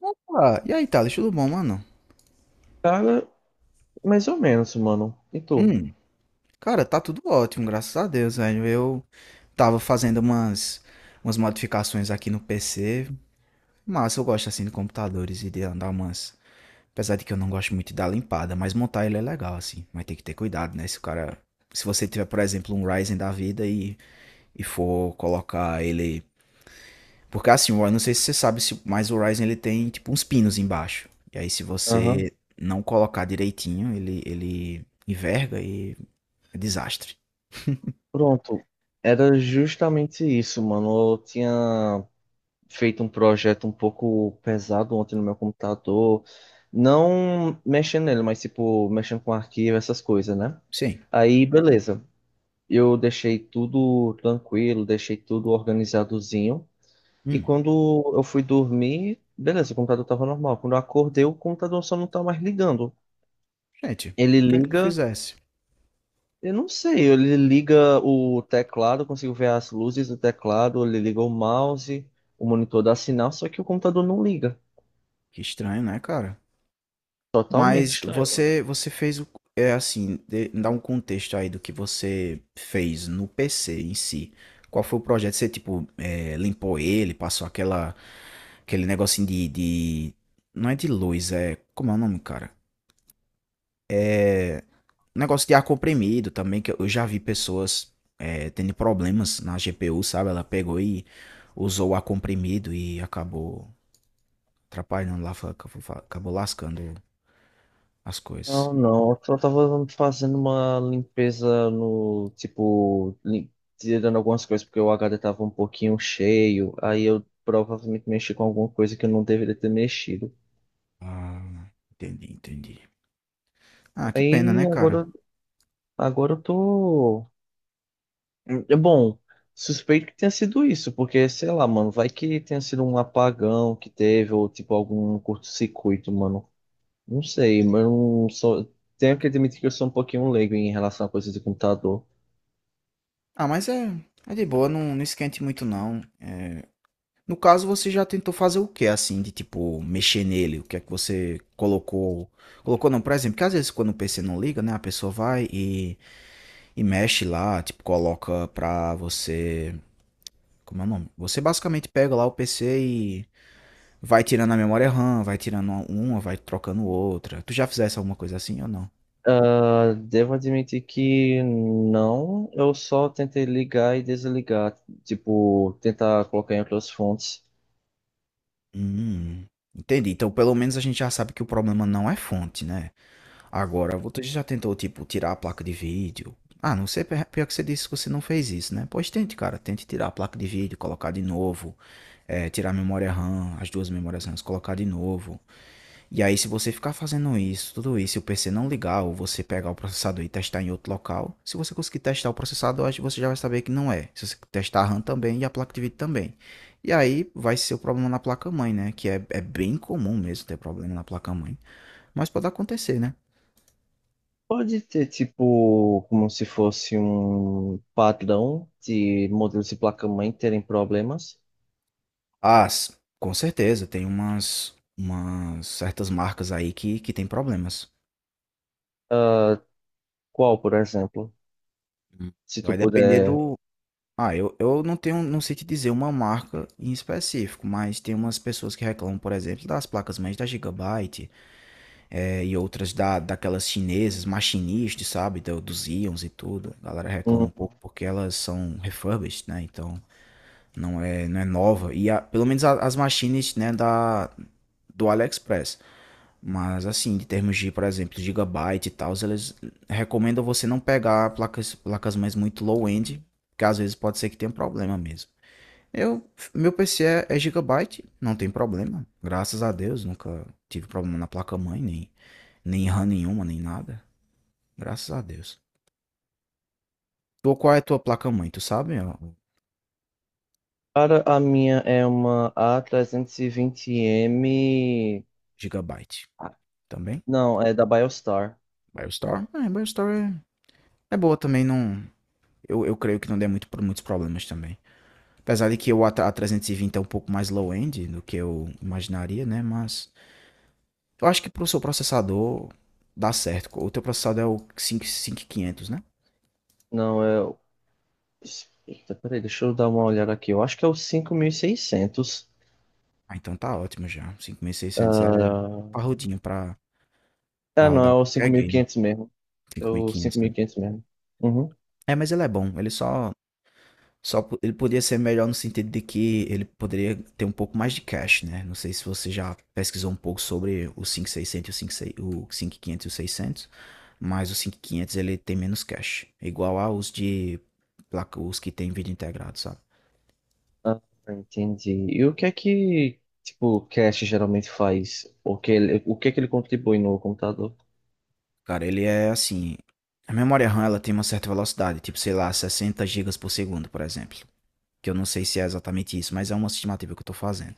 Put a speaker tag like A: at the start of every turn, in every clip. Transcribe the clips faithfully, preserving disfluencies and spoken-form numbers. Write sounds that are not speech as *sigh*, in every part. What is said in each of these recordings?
A: Opa! E aí, Thales, tudo bom, mano?
B: Cara, mais ou menos, mano. E tu?
A: Hum, cara, tá tudo ótimo, graças a Deus, velho. Eu tava fazendo umas, umas modificações aqui no P C, mas eu gosto assim de computadores e de andar umas. Apesar de que eu não gosto muito de dar limpada, mas montar ele é legal, assim. Mas tem que ter cuidado, né? Se o cara. Se você tiver, por exemplo, um Ryzen da vida e, e for colocar ele. Porque assim, eu não sei se você sabe, se- mas o Ryzen ele tem tipo uns pinos embaixo. E aí, se
B: Aham.
A: você não colocar direitinho, ele, ele enverga e é desastre.
B: Pronto. Era justamente isso, mano. Eu tinha feito um projeto um pouco pesado ontem no meu computador. Não mexendo nele, mas tipo, mexendo com arquivo, essas coisas, né?
A: Sim.
B: Aí, beleza. Eu deixei tudo tranquilo, deixei tudo organizadozinho. E
A: Hum.
B: quando eu fui dormir, beleza, o computador tava normal. Quando eu acordei, o computador só não tá mais ligando.
A: Gente,
B: Ele
A: o que é que tu
B: liga.
A: fizesse?
B: Eu não sei, ele liga o teclado, eu consigo ver as luzes do teclado, ele liga o mouse, o monitor dá sinal, só que o computador não liga.
A: Que estranho, né, cara?
B: Totalmente
A: Mas
B: estranho.
A: você você fez o é assim, dê- dá um contexto aí do que você fez no P C em si. Qual foi o projeto? Você, tipo, é, limpou ele, passou aquela, aquele negocinho de, de. Não é de luz, é. Como é o nome, cara? É. Negócio de ar comprimido também, que eu já vi pessoas é, tendo problemas na G P U, sabe? Ela pegou e usou o ar comprimido e acabou atrapalham lá, acabou lascando as coisas.
B: Não, não, eu só tava fazendo uma limpeza no, tipo, lim- tirando algumas coisas porque o H D tava um pouquinho cheio, aí eu provavelmente mexi com alguma coisa que eu não deveria ter mexido.
A: Ah, entendi, entendi. Ah, que pena,
B: Aí
A: né, cara?
B: agora, agora eu tô É bom, suspeito que tenha sido isso, porque, sei lá, mano, vai que tenha sido um apagão que teve, ou tipo algum curto-circuito, mano. Não sei, mas eu não sou. Tenho que admitir que eu sou um pouquinho leigo em relação a coisas de computador.
A: Ah, mas é, é de boa, não, não esquente muito não. É. No caso, você já tentou fazer o que, assim, de tipo, mexer nele? O que é que você colocou? Colocou não, por exemplo, que às vezes quando o P C não liga, né, a pessoa vai e, e mexe lá, tipo, coloca pra você. Como é o nome? Você basicamente pega lá o P C e vai tirando a memória RAM, vai tirando uma, vai trocando outra. Tu já fizesse alguma coisa assim ou não?
B: Ah, devo admitir que não, eu só tentei ligar e desligar, tipo, tentar colocar em outras fontes.
A: Hum, entendi. Então, pelo menos a gente já sabe que o problema não é fonte, né? Agora, você já tentou, tipo, tirar a placa de vídeo? Ah, não sei, pe- pior que você disse que você não fez isso, né? Pois tente, cara. Tente tirar a placa de vídeo, colocar de novo. eh, tirar a memória RAM, as duas memórias RAM, colocar de novo. E aí, se você ficar fazendo isso, tudo isso, e o P C não ligar, ou você pegar o processador e testar em outro local, se você conseguir testar o processador, acho que você já vai saber que não é. Se você testar a RAM também e a placa de vídeo também. E aí vai ser o problema na placa-mãe, né? Que é, é bem comum mesmo ter problema na placa-mãe. Mas pode acontecer, né?
B: Pode ter, tipo, como se fosse um padrão de modelos de placa-mãe terem problemas.
A: Ah, com certeza, tem umas, umas certas marcas aí que, que tem problemas.
B: Qual, por exemplo?
A: Hum.
B: Se
A: Vai
B: tu
A: depender
B: puder.
A: do. Ah, eu, eu não tenho, não sei te dizer uma marca em específico, mas tem umas pessoas que reclamam, por exemplo, das placas mães da Gigabyte, eh, e outras da, daquelas chinesas, machinistas, sabe, do- dos íons e tudo. A galera reclama um
B: Hum.
A: pouco porque elas são refurbished, né? Então não é, não é nova. E a- pelo menos a- as machines, né, da, do AliExpress. Mas assim, em termos de, por exemplo, Gigabyte e tal, eles recomendam você não pegar placas, placas mães muito low-end, porque às vezes pode ser que tenha um problema mesmo. Eu, meu P C é, é Gigabyte, não tem problema. Graças a Deus, nunca tive problema na placa-mãe, nem, nem RAM nenhuma, nem nada. Graças a Deus. Tu, qual é a tua placa-mãe? Tu sabe? Ó, o
B: Cara, a minha é uma A trezentos e vinte M.
A: Gigabyte
B: Ah.
A: também?
B: Não, é da Biostar.
A: BioStore? É, BioStore é, é boa também, não. Eu, eu creio que não dê muito, muitos problemas também. Apesar de que o A- A320 é um pouco mais low-end do que eu imaginaria, né? Mas eu acho que pro seu processador dá certo. O teu processador é o cinco cinco mil e quinhentos, né?
B: Não, é. O- Eita, peraí, deixa eu dar uma olhada aqui. Eu acho que é o cinco mil e seiscentos.
A: Ah, então tá ótimo já. Cinco mil e seiscentos é
B: Ah,
A: parrudinho pra,
B: ah,
A: pra
B: não, é
A: rodar
B: o cinco
A: qualquer
B: mil e
A: game.
B: quinhentos mesmo. É
A: Cinco mil e
B: o cinco
A: quinhentos,
B: mil
A: né?
B: e quinhentos mesmo. Uhum.
A: É, mas ele é bom. Ele só, só. po- Ele poderia ser melhor no sentido de que ele poderia ter um pouco mais de cache, né? Não sei se você já pesquisou um pouco sobre o cinco mil e seiscentos, o cinco mil e seiscentos o cinco mil e quinhentos, e o seiscentos. Mas o cinco mil e quinhentos ele tem menos cache. Igual aos de. placa- Os que tem vídeo integrado, sabe?
B: Ah, entendi. E o que é que, tipo, o cache geralmente faz? O que ele, o que é que ele contribui no computador?
A: Cara, ele é assim. A memória RAM ela tem uma certa velocidade, tipo, sei lá, sessenta gigas por segundo, por exemplo. que eu não sei se é exatamente isso, mas é uma estimativa que eu tô fazendo.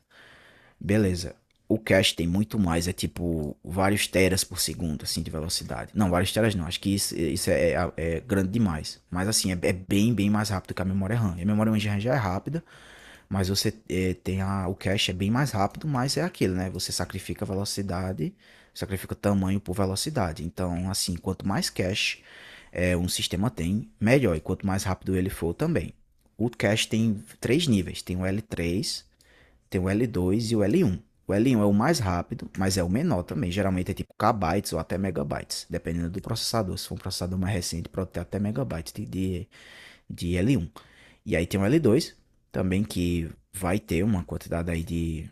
A: Beleza. O cache tem muito mais, é tipo vários teras por segundo, assim, de velocidade. Não, vários teras não, acho que isso, isso é, é- é grande demais. Mas assim, é, é bem, bem mais rápido que a memória RAM. E a memória RAM já é rápida, mas você eh, tem a, o cache é bem mais rápido, mas é aquilo, né? Você sacrifica velocidade, sacrifica tamanho por velocidade. Então, assim, quanto mais cache eh, um sistema tem, melhor. E quanto mais rápido ele for também. O cache tem três níveis: tem o L três, tem o L dois e o L um. O L um é o mais rápido, mas é o menor também. Geralmente é tipo kbytes ou até megabytes, dependendo do processador. Se for um processador mais recente, pode ter até megabytes de, de de L um. E aí tem o L dois também que vai ter uma quantidade aí de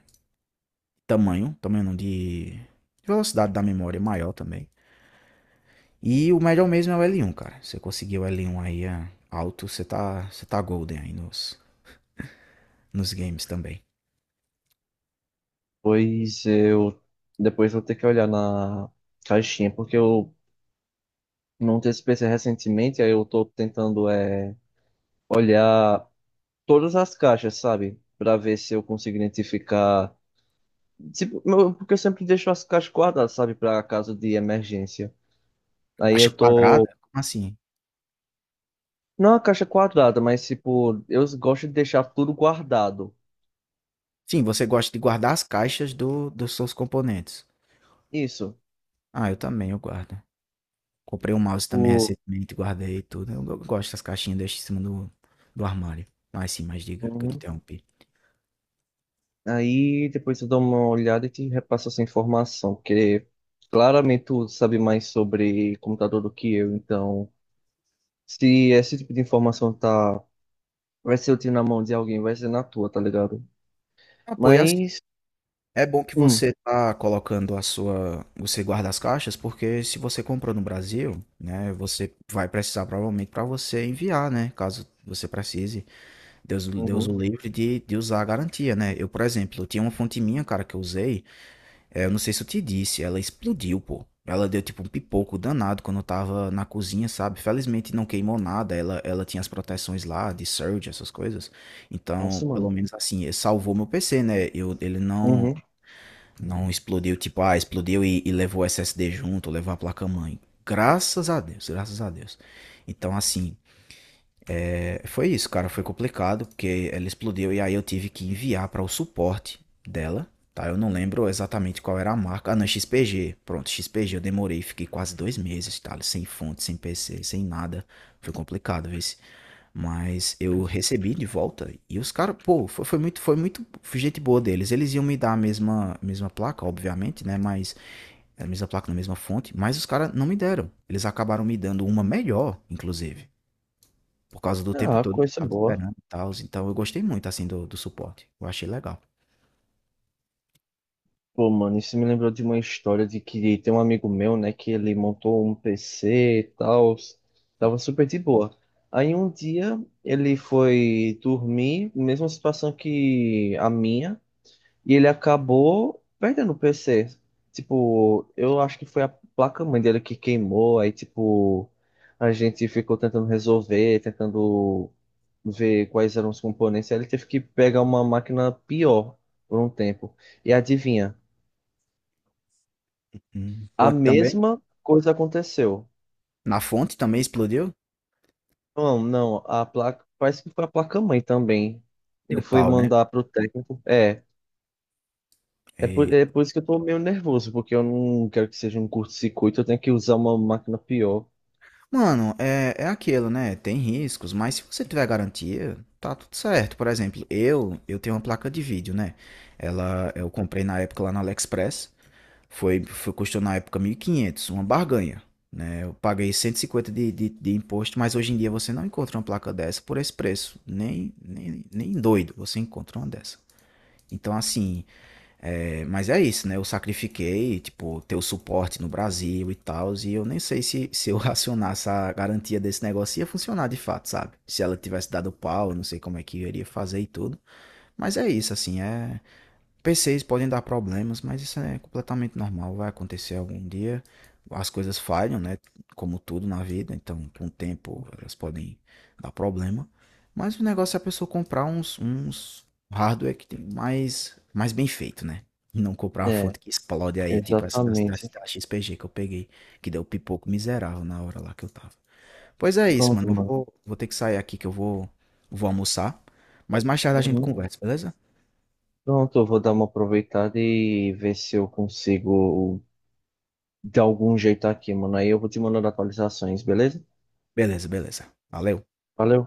A: tamanho, tamanho não, de velocidade da memória maior também. E o melhor mesmo é o L um, cara. Você conseguiu o L um aí é, alto, você tá, você tá golden aí nos, nos games também.
B: Pois eu depois vou ter que olhar na caixinha, porque eu montei esse P C recentemente, aí eu tô tentando é, olhar todas as caixas, sabe? Pra ver se eu consigo identificar. Tipo, meu- porque eu sempre deixo as caixas quadradas, sabe? Pra caso de emergência. Aí
A: Caixa
B: eu tô.
A: quadrada? Como assim?
B: Não a caixa quadrada, mas tipo, eu gosto de deixar tudo guardado.
A: Sim, você gosta de guardar as caixas do, dos seus componentes.
B: Isso.
A: Ah, eu também, eu guardo. Comprei um mouse também
B: O...
A: recentemente, guardei tudo. Eu go- gosto das caixinhas, deixo em cima do, do armário. Mas sim, mas diga que eu te interrompi.
B: Aí depois eu dou uma olhada e te repasso essa informação, porque claramente tu sabe mais sobre computador do que eu, então se esse tipo de informação tá, vai ser útil na mão de alguém, vai ser na tua, tá ligado?
A: Ah, pô, e assim,
B: Mas,
A: é bom que
B: hum,
A: você tá colocando a sua, você guarda as caixas, porque se você comprou no Brasil, né, você vai precisar provavelmente para você enviar, né, caso você precise, Deus, Deus
B: uhum,
A: o livre de, de usar a garantia, né? Eu, por exemplo, eu tinha uma fonte minha, cara, que eu usei, é, eu não sei se eu te disse, ela explodiu, pô. Ela deu tipo um pipoco danado quando eu tava na cozinha, sabe? Felizmente não queimou nada, ela, ela tinha as proteções lá de surge, essas coisas. Então,
B: nossa, mano,
A: pelo menos assim, salvou meu P C, né? Eu, ele não,
B: uhum,
A: não explodiu, tipo, ah, explodiu e, e levou o S S D junto, levou a placa-mãe. Graças a Deus, graças a Deus. Então, assim, foi isso, cara, foi complicado, porque ela explodiu e aí eu tive que enviar para o suporte dela, tá? Eu não lembro exatamente qual era a marca. Ah, não, X P G. Pronto, X P G, eu demorei, fiquei quase dois meses, tá? Sem fonte, sem P C, sem nada. Foi complicado, vê se. Mas eu
B: mas,
A: recebi de volta e os caras, pô, foi, foi muito, foi muito gente boa deles. Eles iam me dar a mesma, mesma placa, obviamente, né? Mas a mesma placa na mesma fonte, mas os caras não me deram. Eles acabaram me dando uma melhor, inclusive. Por causa do tempo
B: ah,
A: todo que eu
B: coisa
A: estava
B: boa.
A: esperando e tals, então eu gostei muito, assim, do do suporte, eu achei legal.
B: Pô, mano, isso me lembrou de uma história de que tem um amigo meu, né, que ele montou um P C e tal, tava super de boa. Aí um dia ele foi dormir, mesma situação que a minha, e ele acabou perdendo o P C. Tipo, eu acho que foi a placa-mãe dele que queimou, aí tipo, a gente ficou tentando resolver, tentando ver quais eram os componentes, aí ele teve que pegar uma máquina pior por um tempo. E adivinha?
A: Hum,
B: A
A: fonte também?
B: mesma coisa aconteceu.
A: Na fonte também explodiu?
B: Não, não, a placa, parece que foi a placa-mãe também. Ele
A: Deu
B: foi
A: pau, né?
B: mandar pro técnico. É. É por, é
A: Eita.
B: por isso que eu tô meio nervoso, porque eu não quero que seja um curto-circuito, eu tenho que usar uma máquina pior.
A: Mano, é é aquilo, né, tem riscos, mas se você tiver garantia, tá tudo certo. Por exemplo, eu eu tenho uma placa de vídeo, né, ela eu comprei na época lá no AliExpress. Foi, foi Custou na época mil e quinhentos, uma barganha, né? Eu paguei cento e cinquenta de, de, de imposto, mas hoje em dia você não encontra uma placa dessa por esse preço. Nem, nem, nem doido você encontra uma dessa. Então, assim, é, mas é isso, né? Eu sacrifiquei, tipo, ter o suporte no Brasil e tal, e eu nem sei se, se, eu *laughs* acionasse a garantia desse negócio ia funcionar de fato, sabe? Se ela tivesse dado pau, eu não sei como é que eu iria fazer e tudo. Mas é isso, assim, é, P Cs podem dar problemas, mas isso é completamente normal, vai acontecer algum dia. As coisas falham, né? Como tudo na vida, então com o tempo elas podem dar problema. Mas o negócio é a pessoa comprar uns, uns hardware que tem mais, mais bem feito, né? E não comprar uma
B: É,
A: fonte que explode aí, tipo essa da, da,
B: exatamente.
A: da X P G que eu peguei, que deu pipoco miserável na hora lá que eu tava. Pois é isso,
B: Pronto,
A: mano. Eu
B: mano.
A: vou, vou ter que sair aqui que eu vou, vou almoçar. Mas mais tarde a gente
B: Uhum.
A: conversa, beleza?
B: Pronto, eu vou dar uma aproveitada e ver se eu consigo de algum jeito aqui, mano. Aí eu vou te mandando atualizações, beleza?
A: Beleza, beleza. Valeu.
B: Valeu.